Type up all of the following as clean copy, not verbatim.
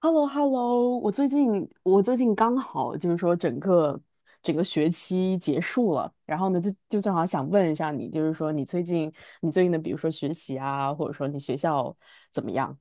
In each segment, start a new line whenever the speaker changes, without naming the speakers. h e l l o h e l l o 我最近刚好就是说整个学期结束了，然后呢就正好想问一下你，就是说你最近的比如说学习啊，或者说你学校怎么样？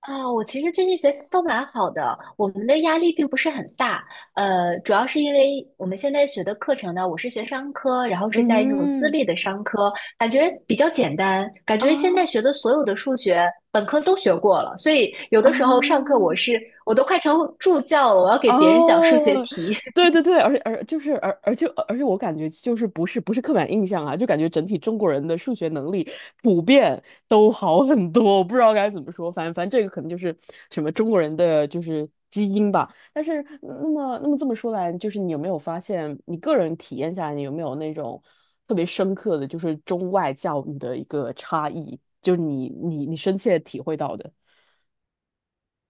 啊，我其实最近学习都蛮好的，我们的压力并不是很大。主要是因为我们现在学的课程呢，我是学商科，然后是在那种私
嗯，
立的商科，感觉比较简单，感觉现在学
啊
的所有的数学本科都学过了，所以有
啊，
的时候上课我都快成助教了，我要给别人讲数学
哦，
题。
对对对，而且我感觉就是不是刻板印象啊，就感觉整体中国人的数学能力普遍都好很多，我不知道该怎么说，反正这个可能就是什么中国人的就是基因吧。但是那么这么说来，就是你有没有发现你个人体验下来，你有没有那种特别深刻的就是中外教育的一个差异，就是你深切体会到的？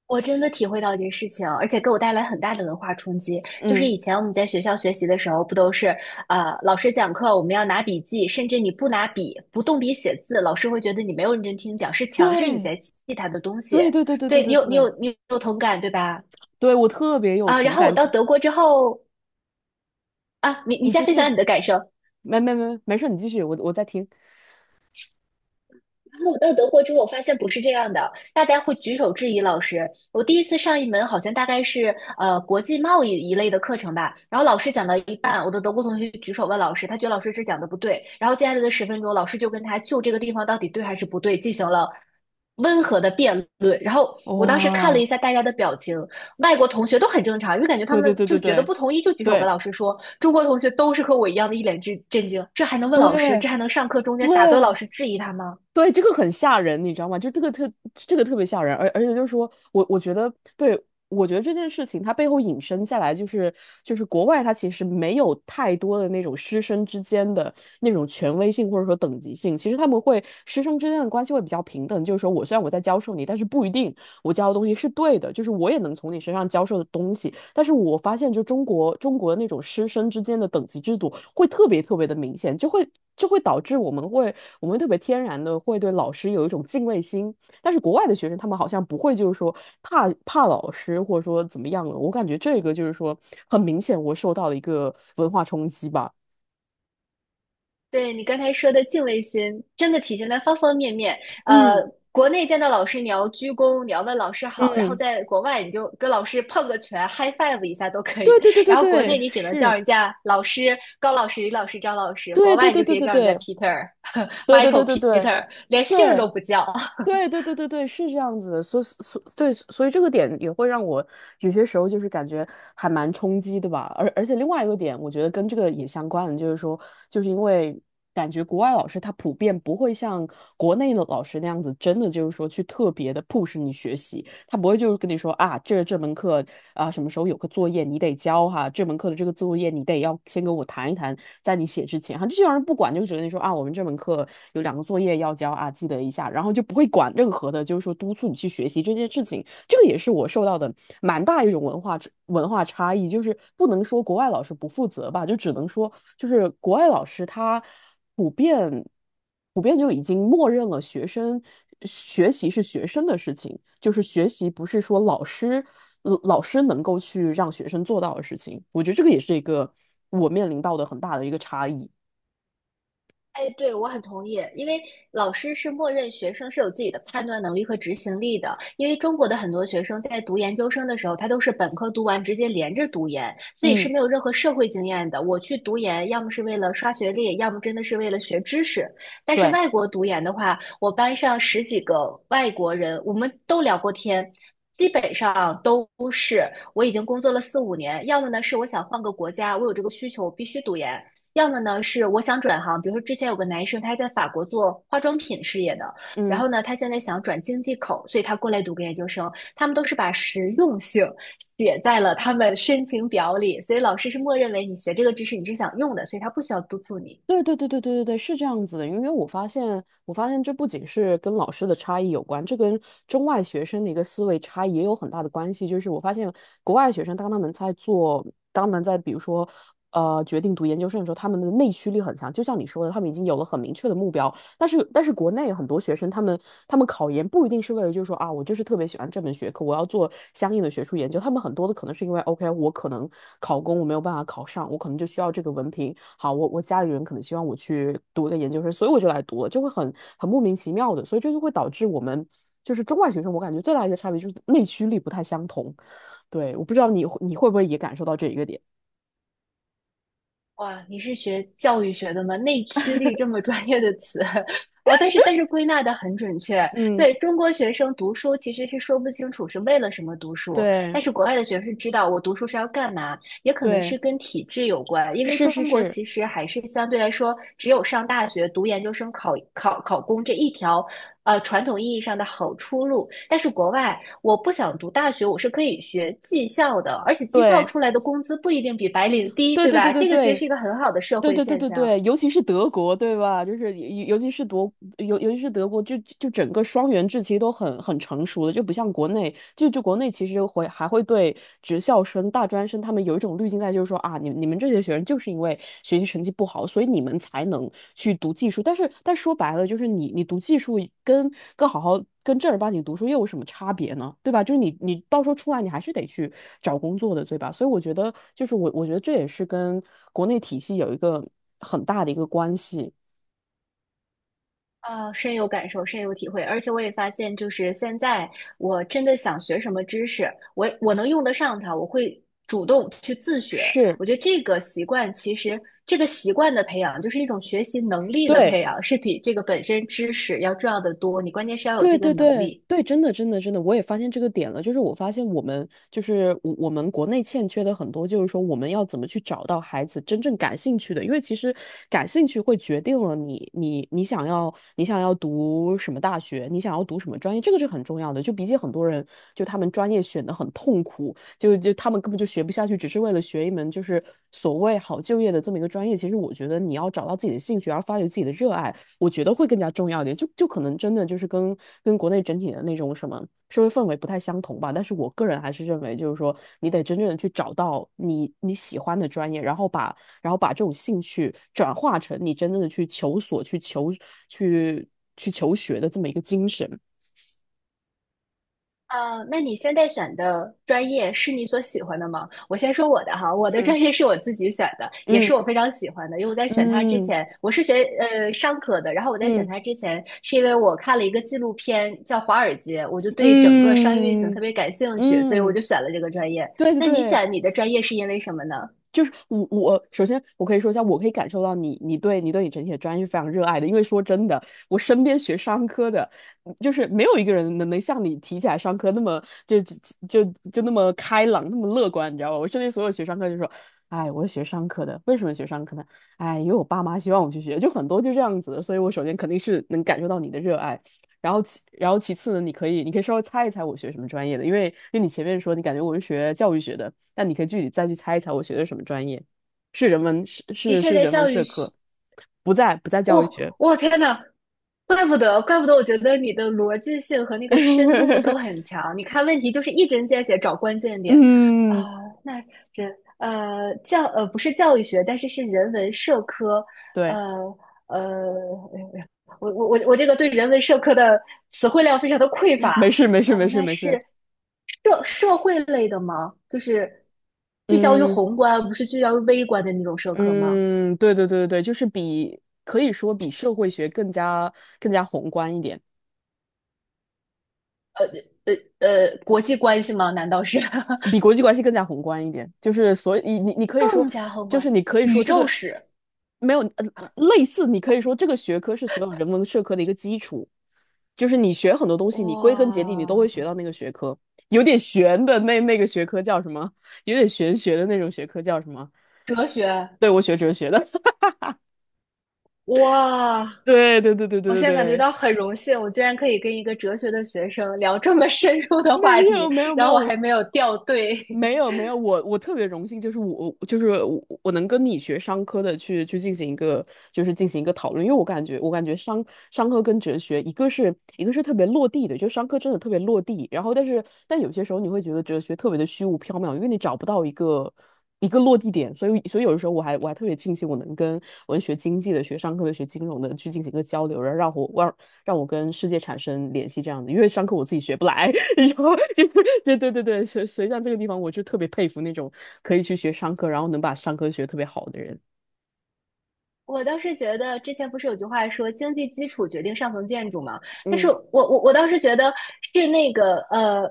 我真的体会到一件事情，而且给我带来很大的文化冲击。就是
嗯，
以前我们在学校学习的时候，不都是老师讲课我们要拿笔记，甚至你不拿笔、不动笔写字，老师会觉得你没有认真听讲，是强制你
对
在记他的东西。
对对对对对
对，你
对
有你
对，
有你有同感对吧？
对，我特别有
啊，然
同
后我
感。
到德国之后，啊，你
你
先
继
分
续，
享你的感受。
没事，你继续，我在听。
然后我到德国之后，我发现不是这样的，大家会举手质疑老师。我第一次上一门好像大概是国际贸易一类的课程吧，然后老师讲到一半，我的德国同学举手问老师，他觉得老师这讲的不对，然后接下来的10分钟，老师就跟他就这个地方到底对还是不对进行了温和的辩论。然后我当时看了一
哇，
下大家的表情，外国同学都很正常，因为感觉他
对对
们
对对
就觉得
对
不同意就举手跟
对
老师说，中国同学都是和我一样的一脸震惊，这还能问老师？
对
这还能上课中间打断老
对
师质疑他吗？
对，这个很吓人，你知道吗？就这个特别吓人，而且就是说我觉得，对，我觉得这件事情它背后引申下来就是国外它其实没有太多的那种师生之间的那种权威性或者说等级性，其实他们会师生之间的关系会比较平等，就是说我虽然我在教授你，但是不一定。我教的东西是对的，就是我也能从你身上教授的东西。但是我发现，就中国那种师生之间的等级制度会特别特别的明显，就会导致我们特别天然的会对老师有一种敬畏心。但是国外的学生他们好像不会，就是说怕老师或者说怎么样了。我感觉这个就是说很明显，我受到了一个文化冲击吧。
对，你刚才说的敬畏心，真的体现在方方面面。呃，
嗯
国内见到老师你要鞠躬，你要问老师好，然后
嗯，
在国外你就跟老师碰个拳，high five 一下都可以。
对对对对
然后国内
对，
你只能叫
是，
人家老师、高老师、李老师、张老师，国
对对
外你
对
就直
对
接
对
叫人家
对
Peter、
对对对
Michael、
对对
Peter,连姓儿
对。
都不叫。
对对对对对，是这样子的，所以这个点也会让我有些时候就是感觉还蛮冲击的吧。而且另外一个点，我觉得跟这个也相关的，就是说，就是因为感觉国外老师他普遍不会像国内的老师那样子，真的就是说去特别的 push 你学习，他不会就是跟你说啊，这门课啊什么时候有个作业你得交哈，这门课的这个作业你得要先跟我谈一谈，在你写之前，哈，就基人不管，就只跟你说啊，我们这门课有2个作业要交啊，记得一下，然后就不会管任何的，就是说督促你去学习这件事情。这个也是我受到的蛮大一种文化差异，就是不能说国外老师不负责吧，就只能说就是国外老师他普遍。普遍就已经默认了学生学习是学生的事情，就是学习不是说老师能够去让学生做到的事情。我觉得这个也是一个我面临到的很大的一个差异。
哎，对，我很同意，因为老师是默认学生是有自己的判断能力和执行力的。因为中国的很多学生在读研究生的时候，他都是本科读完直接连着读研，所以是
嗯，
没有任何社会经验的。我去读研，要么是为了刷学历，要么真的是为了学知识。但是
对。
外国读研的话，我班上十几个外国人，我们都聊过天。基本上都是我已经工作了4、5年，要么呢是我想换个国家，我有这个需求，我必须读研；要么呢是我想转行，比如说之前有个男生他是在法国做化妆品事业的，然
嗯。
后呢他现在想转经济口，所以他过来读个研究生。他们都是把实用性写在了他们申请表里，所以老师是默认为你学这个知识你是想用的，所以他不需要督促你。
对对对对对对对，是这样子的，因为我发现这不仅是跟老师的差异有关，这跟中外学生的一个思维差异也有很大的关系。就是我发现国外学生，当他们在比如说，决定读研究生的时候，他们的内驱力很强，就像你说的，他们已经有了很明确的目标，但是国内有很多学生，他们考研不一定是为了就是说啊，我就是特别喜欢这门学科，我要做相应的学术研究。他们很多的可能是因为 OK，我可能考公我没有办法考上，我可能就需要这个文凭。好，我家里人可能希望我去读一个研究生，所以我就来读了，就会很莫名其妙的，所以这就会导致我们就是中外学生，我感觉最大的一个差别就是内驱力不太相同。对，我不知道你会不会也感受到这一个点。
哇，你是学教育学的吗？内驱力这么专业的词，哦，但是归纳的很准确。
嗯，
对，中国学生读书其实是说不清楚是为了什么读书，
对
但是国外的学生是知道我读书是要干嘛，也可能
对，
是跟体制有关，因为
是
中
是
国
是，
其实还是相对来说只有上大学、读研究生、考考公这一条传统意义上的好出路。但是国外，我不想读大学，我是可以学技校的，而且技校
对
出来的工资不一定比白领低，
对
对
对对
吧？
对
这个其实
对，
是一个很好的社
对
会
对对
现
对
象。
对，尤其是德国，对吧？就是尤其是德国，就整个双元制其实都很成熟的，就不像国内，就国内其实会还会对职校生、大专生他们有一种滤镜在，就是说啊，你们这些学生就是因为学习成绩不好，所以你们才能去读技术。但说白了，就是你读技术跟跟好好。跟正儿八经读书又有什么差别呢？对吧？就是你到时候出来，你还是得去找工作的，对吧？所以我觉得，就是我觉得这也是跟国内体系有一个很大的一个关系。
啊，深有感受，深有体会，而且我也发现，就是现在我真的想学什么知识，我能用得上它，我会主动去自学。
是，
我觉得这个习惯，其实这个习惯的培养，就是一种学习能力的培
对，
养，是比这个本身知识要重要的多。你关键是要有
对
这个
对
能
对
力。
对，真的真的真的，我也发现这个点了。就是我发现我们就是我们国内欠缺的很多，就是说我们要怎么去找到孩子真正感兴趣的，因为其实感兴趣会决定了你想要读什么大学，你想要读什么专业，这个是很重要的。就比起很多人，就他们专业选的很痛苦，就他们根本就学不下去，只是为了学一门就是所谓好就业的这么一个专业。其实我觉得你要找到自己的兴趣，而发掘自己的热爱。我觉得会更加重要一点，就可能真的就是跟国内整体的那种什么社会氛围不太相同吧。但是我个人还是认为，就是说你得真正的去找到你喜欢的专业，然后把这种兴趣转化成你真正的去求索、去去求学的这么一个精神。
啊，那你现在选的专业是你所喜欢的吗？我先说我的哈，我的
嗯
专业是我自己选的，也是
嗯
我非常喜欢的。因为我在选它之
嗯
前，我是学商科的，然后我在选
嗯
它之前，是因为我看了一个纪录片叫《华尔街》，我就对整个商业运行特
嗯
别感兴趣，所以我
嗯，
就选了这个专业。
对对
那你
对。
选你的专业是因为什么呢？
就是我首先我可以说一下，我可以感受到你整体的专业是非常热爱的，因为说真的，我身边学商科的，就是没有一个人能像你提起来商科那么就那么开朗，那么乐观，你知道吧？我身边所有学商科就说，哎，我是学商科的，为什么学商科呢？哎，因为我爸妈希望我去学，就很多就这样子的，所以我首先肯定是能感受到你的热爱。然后其次呢，你可以稍微猜一猜我学什么专业的，因为你前面说你感觉我是学教育学的，但你可以具体再去猜一猜我学的什么专业，是人文是
的
是
确，
是
在
人文
教育
社
学。
科，不在教育
哦，
学，
我天呐，怪不得，怪不得，我觉得你的逻辑性和那个深度 都很强。你看问题就是一针见血，找关键点啊、
嗯，
那不是教育学，但是是人文社科，
对，
呃呃，哎呦哎呦，我这个对人文社科的词汇量非常的匮乏。
没事没事
啊、
没事
那
没
是
事，
社会类的吗？就是聚焦于
嗯
宏观，不是聚焦于微观的那种社科吗？
嗯，对对对对对，就是比可以说比社会学更加宏观一点。
呃国际关系吗？难道是？
比国际关系更加宏观一点，就是所以你可以说，
更加宏
就
观，
是你可以说
宇
这
宙
个
史，
没有类似，你可以说这个学科是所有人文社科的一个基础，就是你学很多东西，你归根结底你都
哇，
会学到那个学科。有点玄的那个学科叫什么？有点玄学的那种学科叫什么？
哲学，
对，我学哲学的。
哇，
对对对对对
我
对
现在感觉
对，
到很荣幸，我居然可以跟一个哲学的学生聊这么深入的话
没有
题，
没有没
然后我还
有，
没有掉队。
没 有没有，我特别荣幸，就是我能跟你学商科的去进行一个讨论，因为我感觉商科跟哲学一个是特别落地的，就商科真的特别落地，然后但有些时候你会觉得哲学特别的虚无缥缈，因为你找不到一个落地点，所以有的时候我还特别庆幸我能跟文学经济的、学商科的、学金融的去进行一个交流，然后让我跟世界产生联系这样子，因为商科我自己学不来。然后就 对对对，所以像这个地方，我就特别佩服那种可以去学商科，然后能把商科学得特别好的人。
我倒是觉得，之前不是有句话说"经济基础决定上层建筑"嘛？但是
嗯
我倒是觉得是那个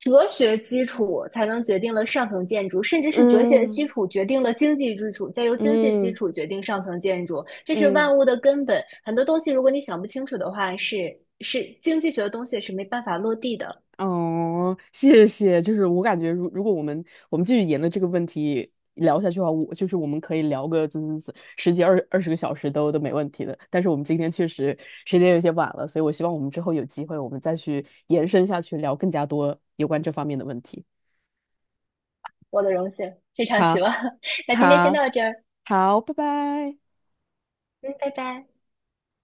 哲学基础才能决定了上层建筑，甚至是哲学基
嗯
础决定了经济基础，再由经济基
嗯
础决定上层建筑，这是
嗯，
万物的根本。很多东西，如果你想不清楚的话，是经济学的东西是没办法落地的。
哦，谢谢。就是我感觉如果我们继续沿着这个问题聊下去的话，我就是我们可以聊个怎怎怎十几二十个小时都没问题的。但是我们今天确实时间有些晚了，所以我希望我们之后有机会，我们再去延伸下去聊更加多有关这方面的问题。
我的荣幸，非常
好，
希望。那今天先
好，
到这儿，
好，拜拜。
嗯，拜拜。